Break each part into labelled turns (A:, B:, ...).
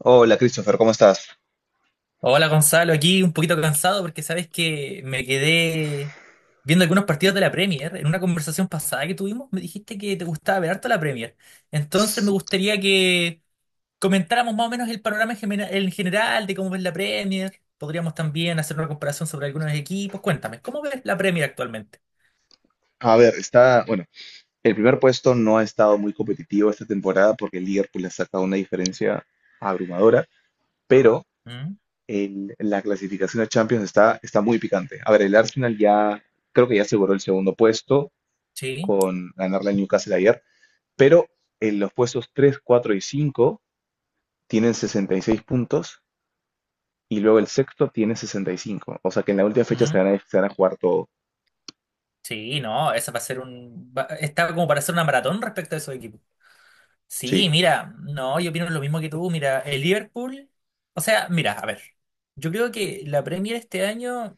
A: Hola Christopher, ¿cómo estás?
B: Hola Gonzalo, aquí un poquito cansado porque sabes que me quedé viendo algunos partidos de la Premier. En una conversación pasada que tuvimos me dijiste que te gustaba ver harto la Premier. Entonces me gustaría que comentáramos más o menos el panorama en general de cómo ves la Premier. Podríamos también hacer una comparación sobre algunos equipos. Cuéntame, ¿cómo ves la Premier actualmente?
A: A ver, está, bueno, el primer puesto no ha estado muy competitivo esta temporada porque el Liverpool ha sacado una diferencia abrumadora, pero
B: ¿Mm?
A: la clasificación a Champions está muy picante. A ver, el Arsenal ya, creo que ya aseguró el segundo puesto
B: ¿Sí?
A: con ganarle al Newcastle ayer, pero en los puestos 3, 4 y 5 tienen 66 puntos y luego el sexto tiene 65. O sea que en la última fecha se
B: ¿Mm?
A: van a, se van a jugar todo.
B: Sí, no, esa va a ser un... va- está como para hacer una maratón respecto a esos equipos. Sí,
A: Sí.
B: mira, no, yo opino lo mismo que tú. Mira, el Liverpool, o sea, mira, a ver, yo creo que la Premier este año,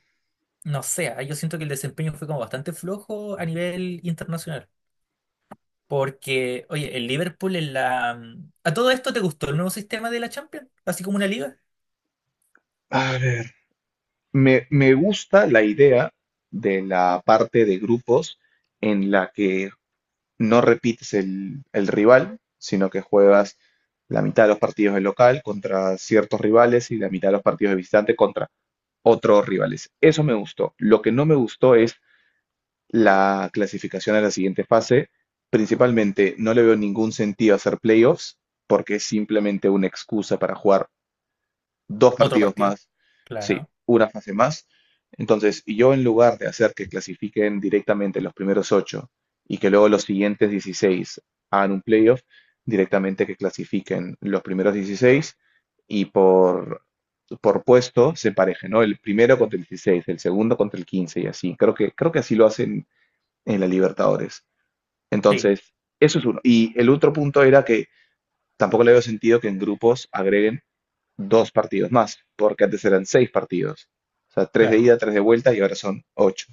B: no sé, yo siento que el desempeño fue como bastante flojo a nivel internacional. Porque, oye, el Liverpool en la... mm, ¿a todo esto te gustó el nuevo sistema de la Champions? Así como una liga.
A: A ver. Me gusta la idea de la parte de grupos en la que no repites el rival, sino que juegas la mitad de los partidos de local contra ciertos rivales y la mitad de los partidos de visitante contra otros rivales. Eso me gustó. Lo que no me gustó es la clasificación a la siguiente fase. Principalmente no le veo ningún sentido hacer playoffs porque es simplemente una excusa para jugar dos
B: Otro
A: partidos
B: partido.
A: más, sí,
B: Claro.
A: una fase más. Entonces, yo en lugar de hacer que clasifiquen directamente los primeros ocho y que luego los siguientes 16 hagan un playoff, directamente que clasifiquen los primeros 16 y por puesto se pareje, ¿no? El primero contra el 16, el segundo contra el 15, y así. Creo que así lo hacen en la Libertadores.
B: Sí,
A: Entonces, eso es uno. Y el otro punto era que tampoco le veo sentido que en grupos agreguen dos partidos más, porque antes eran seis partidos. O sea, tres de
B: claro.
A: ida, tres de vuelta y ahora son ocho.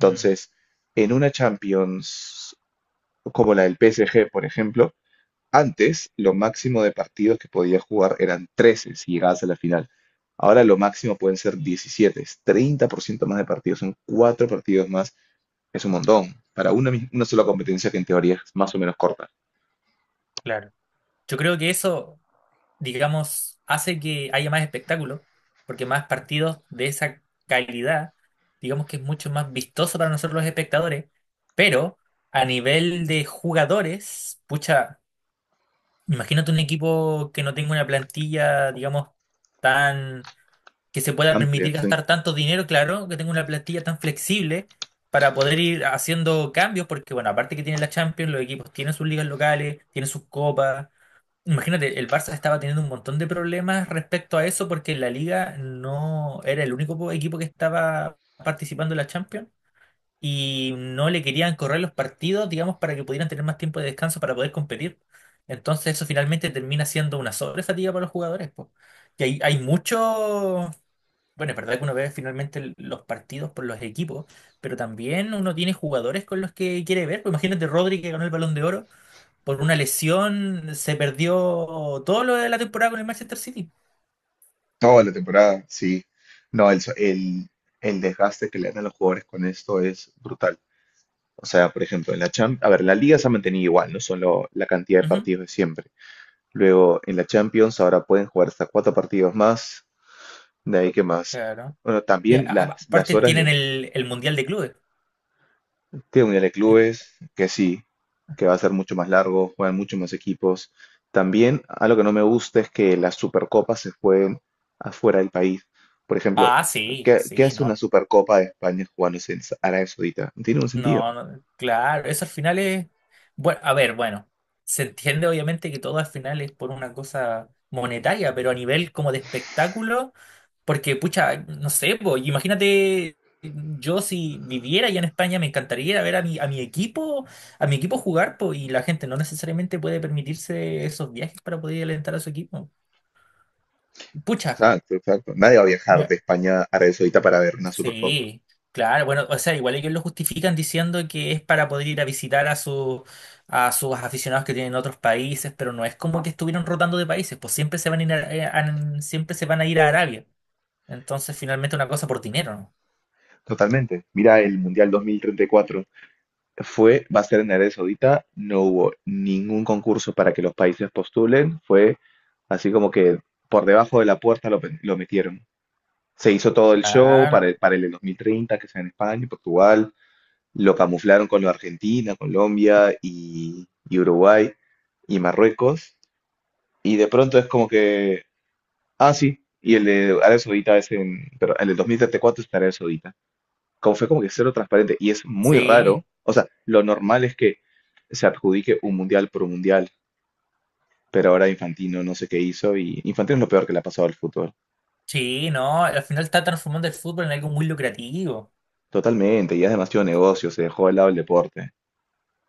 B: Mm,
A: en una Champions como la del PSG, por ejemplo, antes lo máximo de partidos que podías jugar eran 13 si llegabas a la final. Ahora lo máximo pueden ser 17, es 30% más de partidos, son cuatro partidos más, es un montón. Para una sola competencia que en teoría es más o menos corta,
B: claro. Yo creo que eso, digamos, hace que haya más espectáculo, porque más partidos de esa calidad, digamos que es mucho más vistoso para nosotros los espectadores, pero a nivel de jugadores, pucha, imagínate un equipo que no tenga una plantilla, digamos, tan, que se pueda
A: amplia,
B: permitir
A: son.
B: gastar tanto dinero, claro, que tenga una plantilla tan flexible, para poder ir haciendo cambios, porque bueno, aparte que tiene la Champions, los equipos tienen sus ligas locales, tienen sus copas. Imagínate, el Barça estaba teniendo un montón de problemas respecto a eso porque la Liga no era el único equipo que estaba participando en la Champions y no le querían correr los partidos, digamos, para que pudieran tener más tiempo de descanso para poder competir. Entonces eso finalmente termina siendo una sobrefatiga para los jugadores, po. Y hay mucho... Bueno, es verdad que uno ve finalmente los partidos por los equipos, pero también uno tiene jugadores con los que quiere ver. Pues imagínate Rodri, que ganó el Balón de Oro, por una lesión se perdió todo lo de la temporada con el Manchester City.
A: Toda la temporada, sí. No, el desgaste que le dan a los jugadores con esto es brutal. O sea, por ejemplo, en la Champions, a ver, la Liga se ha mantenido igual, no solo la cantidad de
B: Ujú.
A: partidos de siempre. Luego, en la Champions ahora pueden jugar hasta cuatro partidos más, de ahí que más.
B: Claro.
A: Bueno,
B: Ya,
A: también las
B: aparte
A: horas
B: tienen
A: de.
B: el Mundial de Clubes.
A: Tiene mundial de
B: El-
A: clubes, que sí, que va a ser mucho más largo, juegan mucho más equipos. También algo que no me gusta es que las supercopas se jueguen afuera del país. Por ejemplo,
B: Ah, sí,
A: ¿qué
B: sí,
A: hace una
B: no.
A: supercopa de España jugándose en Arabia Saudita? No tiene un sentido.
B: No, no, claro, eso al final es... Bueno, a ver, bueno, se entiende obviamente que todo al final es por una cosa monetaria, pero a nivel como de espectáculo... Porque, pucha, no sé, po, imagínate, yo si viviera ya en España, me encantaría ir a ver a mi equipo, a mi equipo jugar, po, y la gente no necesariamente puede permitirse esos viajes para poder alentar a su equipo. Pucha,
A: Exacto, exacto. Nadie va a viajar
B: me-
A: de España a Arabia Saudita para ver una Supercopa.
B: sí, claro, bueno, o sea, igual ellos lo justifican diciendo que es para poder ir a visitar a su, a sus aficionados que tienen en otros países, pero no es como que estuvieron rotando de países, pues siempre se van a ir a Arabia. Entonces, finalmente una cosa por dinero, ¿no?
A: Totalmente. Mira el Mundial 2034, va a ser en Arabia Saudita, no hubo ningún concurso para que los países postulen, fue así como que por debajo de la puerta lo metieron. Se hizo todo el show para el,
B: Claro.
A: para el de 2030, que sea en España y Portugal, lo camuflaron con lo de Argentina, Colombia y Uruguay y Marruecos, y de pronto es como que, ah, sí, y el de Arabia Saudita es en, pero el de 2034 es en Arabia Saudita, como fue como que cero transparente y es muy raro.
B: Sí,
A: O sea, lo normal es que se adjudique un mundial por un mundial, pero ahora Infantino no sé qué hizo y Infantino es lo peor que le ha pasado al fútbol.
B: sí, no, al final está transformando el fútbol en algo muy lucrativo.
A: Totalmente, y es demasiado negocio, se dejó de lado el deporte.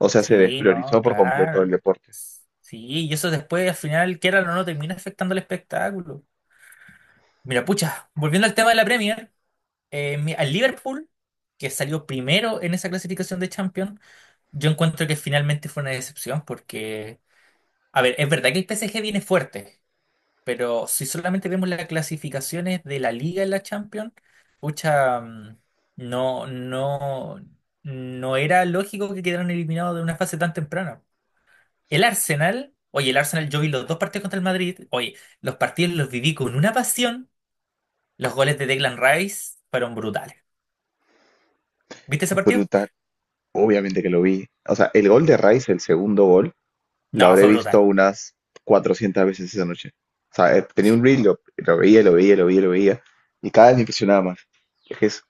A: O sea, se
B: Sí,
A: despriorizó
B: no,
A: por completo el
B: claro.
A: deporte.
B: Sí, y eso después al final, quieran o no, termina afectando el espectáculo. Mira, pucha, volviendo al tema de la Premier, al Liverpool, que salió primero en esa clasificación de Champions, yo encuentro que finalmente fue una decepción porque, a ver, es verdad que el PSG viene fuerte. Pero si solamente vemos las clasificaciones de la Liga en la Champions, pucha, no, no, no era lógico que quedaran eliminados de una fase tan temprana. El Arsenal, oye, el Arsenal, yo vi los dos partidos contra el Madrid, oye, los partidos los viví con una pasión. Los goles de Declan Rice fueron brutales. ¿Viste ese partido?
A: Bruta, obviamente que lo vi. O sea, el gol de Rice, el segundo gol, lo
B: No,
A: habré
B: fue
A: visto
B: brutal.
A: unas 400 veces esa noche. O sea, tenía un reel, lo veía, lo veía, lo veía, lo veía, y cada vez me impresionaba más. Es que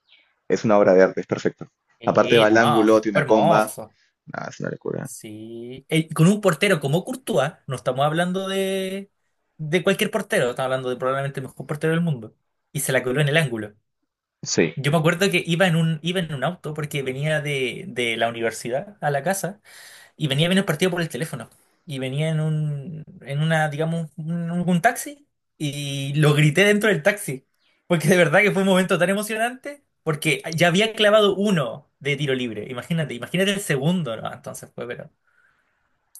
A: es una obra de arte, es perfecto. Aparte
B: Sí,
A: va al
B: no,
A: ángulo, tiene
B: fue
A: una comba.
B: hermoso.
A: Nada, es una locura.
B: Sí. Con un portero como Courtois, no estamos hablando de cualquier portero, estamos hablando de probablemente el mejor portero del mundo. Y se la coló en el ángulo.
A: Sí.
B: Yo me acuerdo que iba en un auto porque venía de la universidad a la casa y venía viendo el partido por el teléfono. Y venía en un, en una, digamos, un taxi y lo grité dentro del taxi. Porque de verdad que fue un momento tan emocionante porque ya había clavado uno de tiro libre. Imagínate, imagínate el segundo, ¿no? Entonces fue, pero...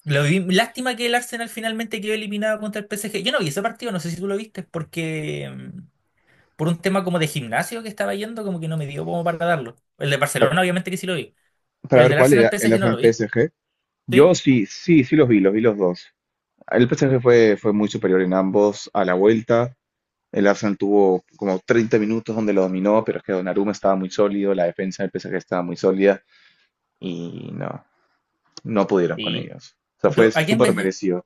B: Lástima que el Arsenal finalmente quedó eliminado contra el PSG. Yo no vi ese partido, no sé si tú lo viste, porque por un tema como de gimnasio que estaba yendo, como que no me dio como para darlo. El de
A: Para,
B: Barcelona, obviamente que sí lo vi,
A: para
B: pero el
A: ver
B: del
A: cuál
B: Arsenal
A: era, el
B: PSG no
A: Arsenal
B: lo vi.
A: PSG. Yo
B: ¿Sí?
A: sí, sí, sí los vi los dos. El PSG fue muy superior en ambos a la vuelta. El Arsenal tuvo como 30 minutos donde lo dominó, pero es que Donnarumma estaba muy sólido, la defensa del PSG estaba muy sólida y no pudieron con
B: Sí.
A: ellos. O sea, fue
B: ¿A quién
A: súper
B: ves?
A: merecido.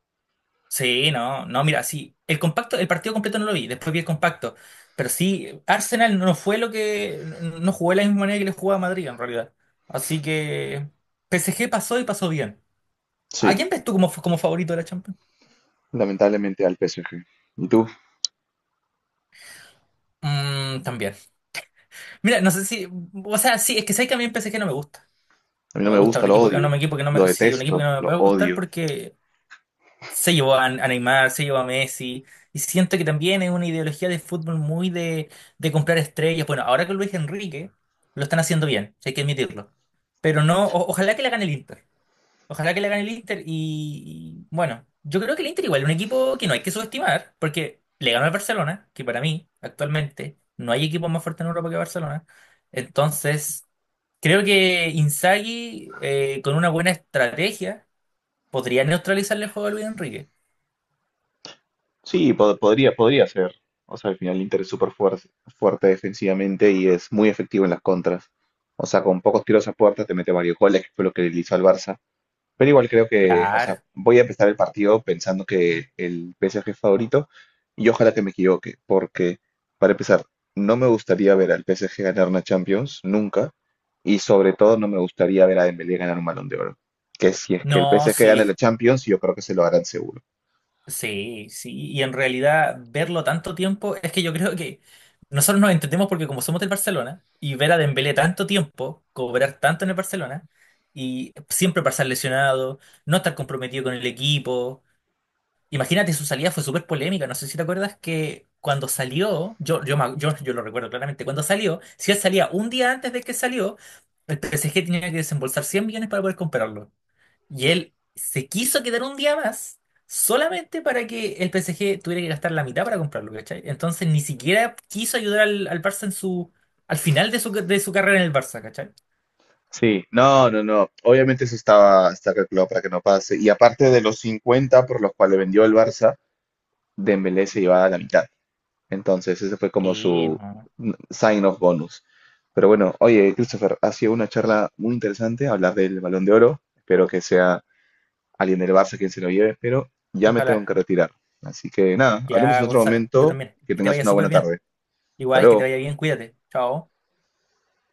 B: Sí, no, no, mira, sí, el compacto, el partido completo no lo vi, después vi el compacto, pero sí, Arsenal no fue lo que, no jugó de la misma manera que le jugaba a Madrid en realidad, así que PSG pasó y pasó bien. ¿A
A: Sí,
B: quién ves tú como, como favorito de la Champions?
A: lamentablemente al PSG. ¿Y tú?
B: Mm, también. Mira, no sé si. O sea, sí, es que sé que a mí el PSG no me gusta.
A: A mí
B: No
A: no
B: me
A: me
B: gusta.
A: gusta,
B: Un
A: lo
B: equipo que, no,
A: odio,
B: un equipo que no
A: lo
B: me. Sí, un equipo que
A: detesto,
B: no me
A: lo
B: puede gustar
A: odio.
B: porque se llevó a Neymar, se llevó a Messi. Y siento que también es una ideología de fútbol muy de comprar estrellas. Bueno, ahora con Luis Enrique lo están haciendo bien, hay que admitirlo. Pero no, ojalá que la gane el Inter. Ojalá que le gane el Inter y, bueno, yo creo que el Inter igual es un equipo que no hay que subestimar porque le ganó al Barcelona, que para mí actualmente no hay equipo más fuerte en Europa que Barcelona. Entonces, creo que Inzaghi, con una buena estrategia podría neutralizarle el juego a Luis Enrique.
A: Sí, podría ser. O sea, al final el Inter es súper fuerte, fuerte defensivamente y es muy efectivo en las contras. O sea, con pocos tiros a puerta te mete varios goles, que fue lo que le hizo al Barça. Pero igual creo que, o sea,
B: Claro.
A: voy a empezar el partido pensando que el PSG es favorito y ojalá que me equivoque, porque para empezar, no me gustaría ver al PSG ganar una Champions, nunca, y sobre todo no me gustaría ver a Dembélé ganar un Balón de Oro. Que si es que
B: No,
A: el PSG
B: sí.
A: gana la Champions, yo creo que se lo harán seguro.
B: Sí, sí, y en realidad verlo tanto tiempo, es que yo creo que nosotros nos entendemos porque como somos del Barcelona y ver a Dembélé tanto tiempo, cobrar tanto en el Barcelona y siempre pasar lesionado, no estar comprometido con el equipo. Imagínate, su salida fue súper polémica, no sé si te acuerdas que cuando salió, yo lo recuerdo claramente, cuando salió, si él salía un día antes de que salió, el PSG tenía que desembolsar 100 millones para poder comprarlo. Y él se quiso quedar un día más solamente para que el PSG tuviera que gastar la mitad para comprarlo, ¿cachai? Entonces ni siquiera quiso ayudar al Barça en su, al final de su carrera en el Barça, ¿cachai?
A: Sí, no, no, no. Obviamente eso estaba, está calculado para que no pase. Y aparte de los 50 por los cuales vendió el Barça, Dembélé se llevaba la mitad. Entonces ese fue como
B: Sí,
A: su
B: no.
A: sign of bonus. Pero bueno, oye, Christopher, ha sido una charla muy interesante hablar del Balón de Oro. Espero que sea alguien del Barça quien se lo lleve, pero ya me tengo que
B: Ojalá.
A: retirar. Así que nada, hablemos
B: Ya,
A: en otro
B: Gonzalo, yo
A: momento.
B: también.
A: Que
B: Que te
A: tengas
B: vaya
A: una
B: súper
A: buena
B: bien.
A: tarde. Hasta
B: Igual que te
A: luego.
B: vaya bien, cuídate. Chao.